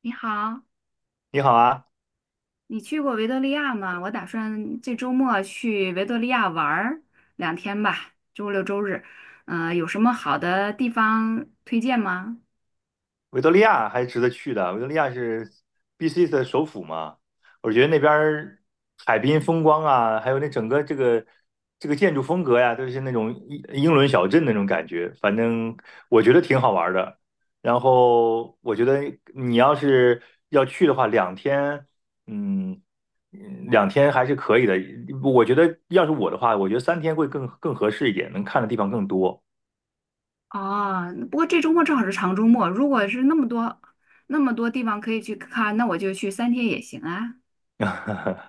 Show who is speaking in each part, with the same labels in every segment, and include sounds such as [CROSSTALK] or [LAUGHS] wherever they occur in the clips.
Speaker 1: 你好，
Speaker 2: 你好啊，
Speaker 1: 你去过维多利亚吗？我打算这周末去维多利亚玩儿两天吧，周六周日。有什么好的地方推荐吗？
Speaker 2: 维多利亚还是值得去的。维多利亚是 BC 的首府嘛，我觉得那边儿海滨风光啊，还有那整个这个建筑风格呀，都是那种英伦小镇那种感觉。反正我觉得挺好玩儿的。然后我觉得你要是要去的话，两天，嗯，两天还是可以的。我觉得要是我的话，我觉得三天会更合适一点，能看的地方更多。
Speaker 1: 哦，不过这周末正好是长周末，如果是那么多地方可以去看，那我就去三天也行啊。
Speaker 2: [LAUGHS]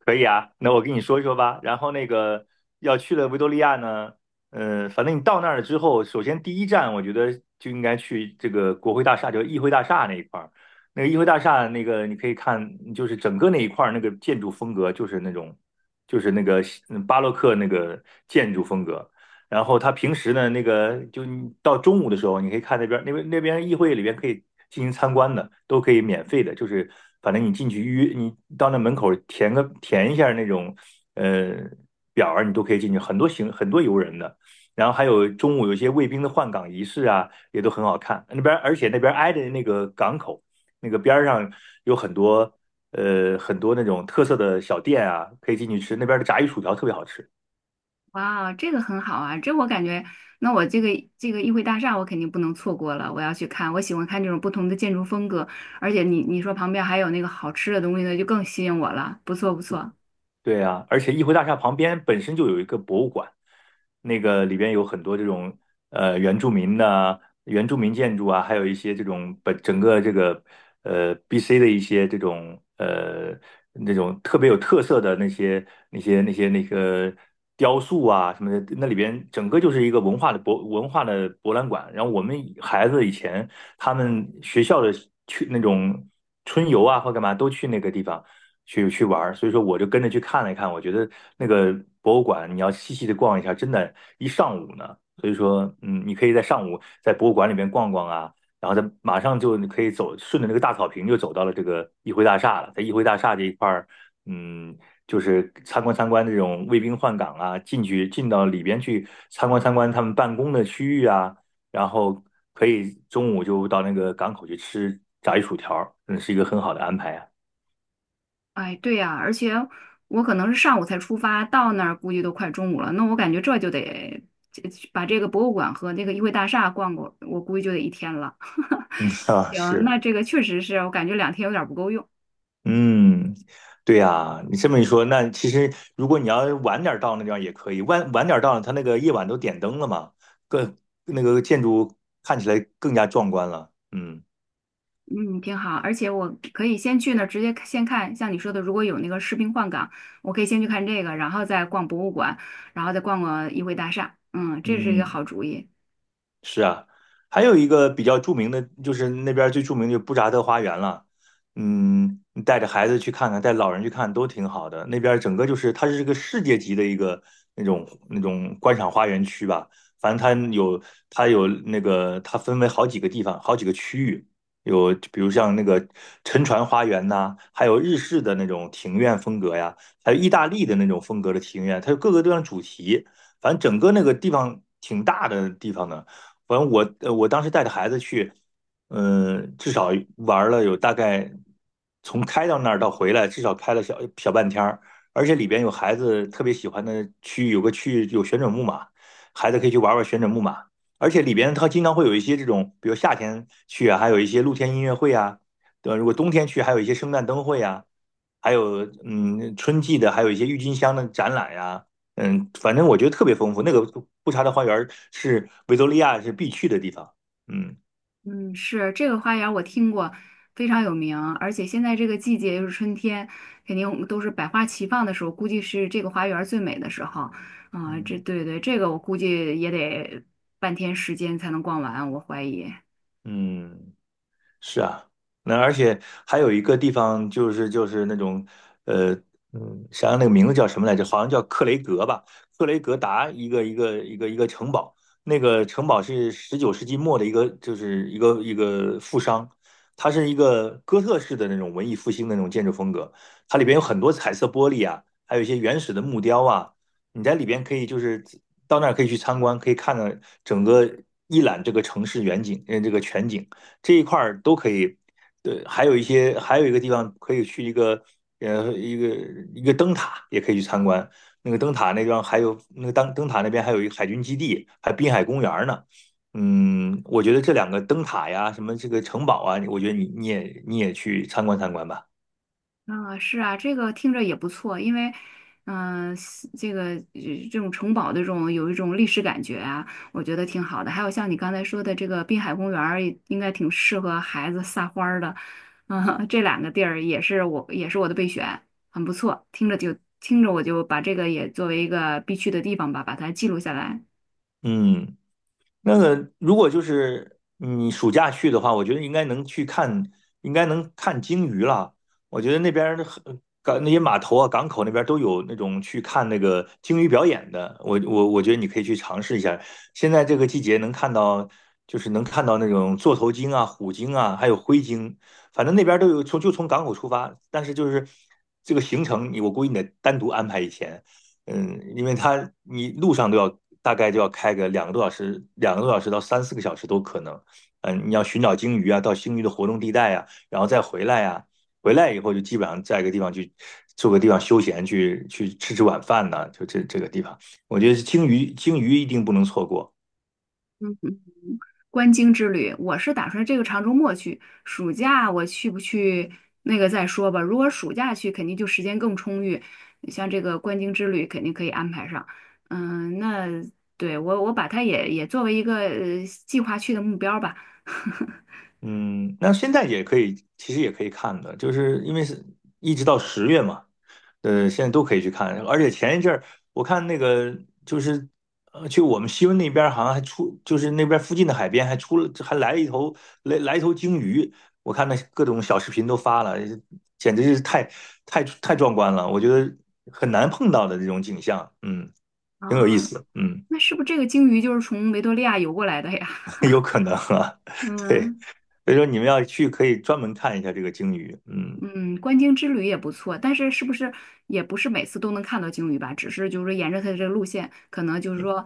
Speaker 2: 可以啊，那我跟你说一说吧。然后那个要去了维多利亚呢，反正你到那儿了之后，首先第一站我觉得就应该去这个国会大厦，就是议会大厦那一块儿。那个议会大厦那个你可以看，就是整个那一块儿那个建筑风格就是那种，就是那个巴洛克那个建筑风格。然后他平时呢，那个就你到中午的时候，你可以看那边议会里边可以进行参观的，都可以免费的，就是反正你进去预约，你到那门口填一下那种呃表儿，你都可以进去，很多游人的。然后还有中午有些卫兵的换岗仪式啊，也都很好看。那边而且那边挨着那个港口，那个边儿上有很多那种特色的小店啊，可以进去吃。那边的炸鱼薯条特别好吃。
Speaker 1: 哇，这个很好啊，这我感觉，那我这个这个议会大厦我肯定不能错过了，我要去看。我喜欢看这种不同的建筑风格，而且你说旁边还有那个好吃的东西呢，就更吸引我了。不错不错。
Speaker 2: 对啊，而且议会大厦旁边本身就有一个博物馆，那个里边有很多这种原住民建筑啊，还有一些这种整个这个BC 的一些这种那种特别有特色的那个雕塑啊什么的，那里边整个就是一个文化的博览馆。然后我们孩子以前他们学校的去那种春游啊或干嘛都去那个地方。去玩儿，所以说我就跟着去看了一看，我觉得那个博物馆你要细细的逛一下，真的，一上午呢。所以说，你可以在上午在博物馆里面逛逛啊，然后再马上就你可以走，顺着那个大草坪就走到了这个议会大厦了。在议会大厦这一块儿，嗯，就是参观参观这种卫兵换岗啊，进到里边去参观参观他们办公的区域啊，然后可以中午就到那个港口去吃炸鱼薯条儿，是一个很好的安排啊。
Speaker 1: 哎，对呀，而且我可能是上午才出发，到那儿估计都快中午了。那我感觉这就得这把这个博物馆和那个议会大厦逛过，我估计就得一天了。
Speaker 2: 嗯
Speaker 1: [LAUGHS]
Speaker 2: 啊，
Speaker 1: 行，
Speaker 2: 是。
Speaker 1: 那这个确实是我感觉两天有点儿不够用。
Speaker 2: 嗯，对呀，你这么一说，那其实如果你要晚点儿到那地方也可以，晚点儿到，它那个夜晚都点灯了嘛，更那个建筑看起来更加壮观了。嗯
Speaker 1: 嗯，挺好，而且我可以先去那儿直接先看，像你说的，如果有那个士兵换岗，我可以先去看这个，然后再逛博物馆，然后再逛逛议会大厦。嗯，这是一个
Speaker 2: 嗯。
Speaker 1: 好主意。
Speaker 2: 是啊，还有一个比较著名的，就是那边儿最著名的就是布扎特花园了。嗯，你带着孩子去看看，带老人去看都挺好的。那边儿整个就是它是一个世界级的一个那种观赏花园区吧。反正它有那个它分为好几个地方，好几个区域。有比如像那个沉船花园呐、还有日式的那种庭院风格呀，还有意大利的那种风格的庭院，它有各个地方主题。反正整个那个地方挺大的地方呢。反正我当时带着孩子去，至少玩了有大概从开到那儿到回来，至少开了小小半天儿，而且里边有孩子特别喜欢的区域，有个区域有旋转木马，孩子可以去玩玩旋转木马，而且里边它经常会有一些这种，比如夏天去啊，还有一些露天音乐会啊，对吧？如果冬天去，还有一些圣诞灯会啊，还有春季的，还有一些郁金香的展览呀、反正我觉得特别丰富。那个布查的花园是维多利亚是必去的地方。嗯
Speaker 1: 嗯，是这个花园我听过，非常有名。而且现在这个季节又是春天，肯定都是百花齐放的时候，估计是这个花园最美的时候。啊、这
Speaker 2: 嗯，
Speaker 1: 对对，这个我估计也得半天时间才能逛完，我怀疑。
Speaker 2: 嗯。是啊，那而且还有一个地方就是那种，呃，想想那个名字叫什么来着？好像叫克雷格吧，克雷格达一个城堡，那个城堡是十九世纪末的一个，就是一个富商，它是一个哥特式的那种文艺复兴的那种建筑风格，它里边有很多彩色玻璃啊，还有一些原始的木雕啊，你在里边可以就是到那儿可以去参观，可以看到整个一览这个城市远景，这个全景。这一块儿都可以。对，还有一些，还有一个地方可以去一个，呃，一个一个灯塔也可以去参观。那个灯塔那地方还有那个灯塔那边还有一个海军基地，还滨海公园呢。我觉得这两个灯塔呀，什么这个城堡啊，我觉得你也去参观参观吧。
Speaker 1: 啊，是啊，这个听着也不错，因为，嗯、西这个这种城堡的这种有一种历史感觉啊，我觉得挺好的。还有像你刚才说的这个滨海公园儿应该挺适合孩子撒欢儿的，啊、这两个地儿也是我的备选，很不错。听着我就把这个也作为一个必去的地方吧，把它记录下来。
Speaker 2: 嗯。那个如果就是你暑假去的话，我觉得应该能去看，应该能看鲸鱼了。我觉得那边儿的港那些码头啊、港口那边儿都有那种去看那个鲸鱼表演的。我觉得你可以去尝试一下。现在这个季节能看到，就是能看到那种座头鲸啊、虎鲸啊，还有灰鲸，反正那边儿都有。从港口出发，但是就是这个行程你，我估计你得单独安排一天。因为它你路上都要大概就要开个两个多小时到三四个小时都可能。你要寻找鲸鱼啊，到鲸鱼的活动地带啊，然后再回来啊，回来以后就基本上在一个地方去住个地方休闲，去吃吃晚饭呐、就这个地方，我觉得鲸鱼一定不能错过。
Speaker 1: 观鲸之旅，我是打算这个长周末去，暑假我去不去那个再说吧。如果暑假去，肯定就时间更充裕，像这个观鲸之旅肯定可以安排上。嗯，那对我把它也作为一个计划去的目标吧。[LAUGHS]
Speaker 2: 嗯，那现在也可以，其实也可以看的，就是因为是一直到十月嘛，现在都可以去看。而且前一阵儿我看那个就是去我们西温那边儿好像还出，就是那边附近的海边还出了，还来了一头鲸鱼。我看那各种小视频都发了，简直是太壮观了，我觉得很难碰到的这种景象，挺有意
Speaker 1: 啊，
Speaker 2: 思，嗯。
Speaker 1: 那是不是这个鲸鱼就是从维多利亚游过来的呀？
Speaker 2: [LAUGHS] 有可能啊，[LAUGHS] 对，
Speaker 1: 嗯。
Speaker 2: 所以说你们要去可以专门看一下这个鲸鱼，嗯，
Speaker 1: 嗯，观鲸之旅也不错，但是是不是也不是每次都能看到鲸鱼吧？只是就是说沿着它的这个路线，可能就是
Speaker 2: 嗯
Speaker 1: 说，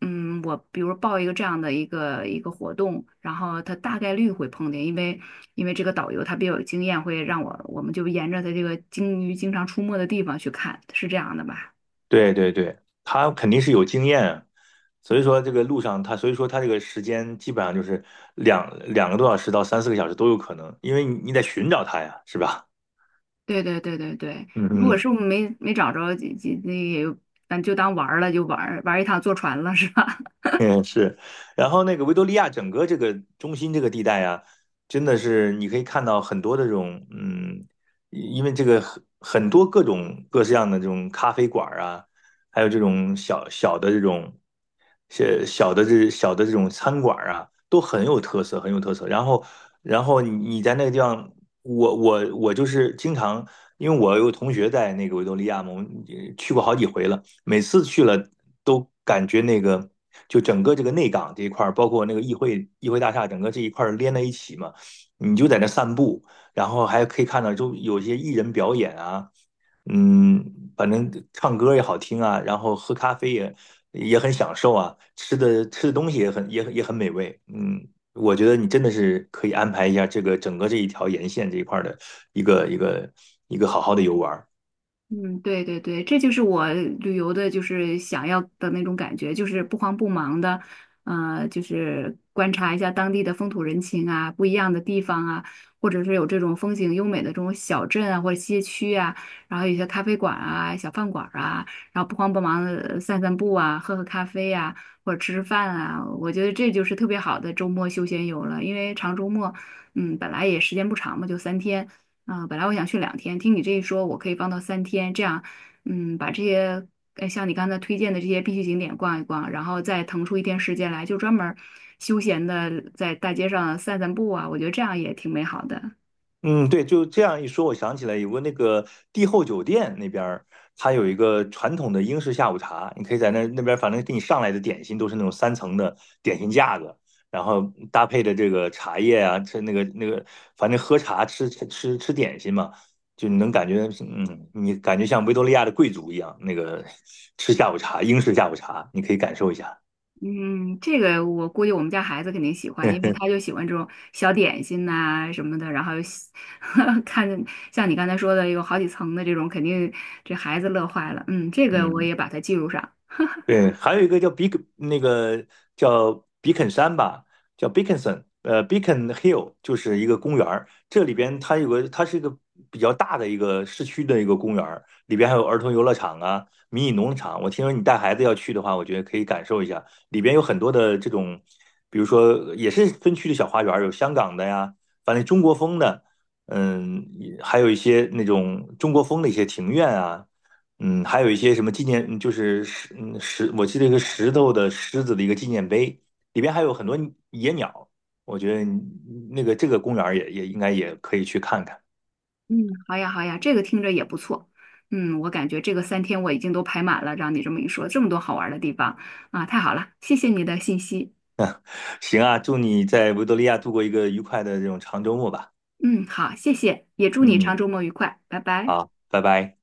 Speaker 1: 嗯，我比如报一个这样的一个活动，然后它大概率会碰见，因为这个导游他比较有经验，会让我们就沿着它这个鲸鱼经常出没的地方去看，是这样的吧？
Speaker 2: 对对对，他肯定是有经验啊，所以说这个路上他，所以说他这个时间基本上就是两个多小时到三四个小时都有可能，因为你得寻找他呀，是吧？
Speaker 1: 对对对对对，
Speaker 2: [LAUGHS] 嗯
Speaker 1: 如果
Speaker 2: 嗯。
Speaker 1: 是没找着，就那也有咱就当玩儿了，就玩儿一趟坐船了，是吧？
Speaker 2: [LAUGHS] 嗯，是，然后那个维多利亚整个这个中心这个地带啊，真的是你可以看到很多的这种，因为这个很多各种各式样的这种咖啡馆儿啊，还有这种小的这种餐馆儿啊，都很有特色，很有特色。然后，你在那个地方，我就是经常，因为我有同学在那个维多利亚嘛，我们去过好几回了。每次去了都感觉那个，就整个这个内港这一块儿，包括那个议会大厦，整个这一块儿连在一起嘛，你就在那散步，然后还可以看到就有些艺人表演啊，嗯，反正唱歌也好听啊，然后喝咖啡也很享受啊，吃的东西也很美味，嗯。我觉得你真的是可以安排一下这个整个这一条沿线这一块儿的一个一个一个好好的游玩。
Speaker 1: 嗯，对对对，这就是我旅游的，就是想要的那种感觉，就是不慌不忙的，呃，就是观察一下当地的风土人情啊，不一样的地方啊，或者是有这种风景优美的这种小镇啊，或者街区啊，然后有些咖啡馆啊、小饭馆啊，然后不慌不忙的散散步啊，喝喝咖啡啊，或者吃吃饭啊，我觉得这就是特别好的周末休闲游了，因为长周末，嗯，本来也时间不长嘛，就三天。啊，本来我想去两天，听你这一说，我可以放到三天，这样，嗯，把这些，像你刚才推荐的这些必去景点逛一逛，然后再腾出一天时间来，就专门儿休闲的在大街上散散步啊，我觉得这样也挺美好的。
Speaker 2: 嗯，对，就这样一说，我想起来有个那个帝后酒店那边儿，它有一个传统的英式下午茶，你可以在那边，反正给你上来的点心都是那种三层的点心架子，然后搭配的这个茶叶啊，吃那个，反正喝茶吃吃点心嘛，就你能感觉，你感觉像维多利亚的贵族一样，那个 [LAUGHS] 吃下午茶，英式下午茶，你可以感受一下，
Speaker 1: 嗯，这个我估计我们家孩子肯定喜欢，因为他
Speaker 2: [LAUGHS]
Speaker 1: 就喜欢这种小点心呐、什么的，然后又喜 [LAUGHS] 看像你刚才说的有好几层的这种，肯定这孩子乐坏了。嗯，这个我
Speaker 2: 嗯。
Speaker 1: 也把它记录上。
Speaker 2: 对，还有一个叫比肯，那个叫比肯山吧，叫 Beaconson，Beacon Hill 就是一个公园儿。这里边它有个，它是一个比较大的一个市区的一个公园儿，里边还有儿童游乐场啊、迷你农场。我听说你带孩子要去的话，我觉得可以感受一下。里边有很多的这种，比如说也是分区的小花园儿，有香港的呀，反正中国风的，嗯，还有一些那种中国风的一些庭院啊。还有一些什么纪念，嗯就是石，嗯石，我记得一个石头的狮子的一个纪念碑，里边还有很多野鸟。我觉得你那个这个公园儿也应该也可以去看看。
Speaker 1: 嗯，好呀，好呀，这个听着也不错。嗯，我感觉这个三天我已经都排满了，让你这么一说，这么多好玩儿的地方啊，太好了，谢谢你的信息。
Speaker 2: 行啊，祝你在维多利亚度过一个愉快的这种长周末吧。
Speaker 1: 嗯，好，谢谢，也祝你长
Speaker 2: 嗯，
Speaker 1: 周末愉快，拜拜。
Speaker 2: 好，拜拜。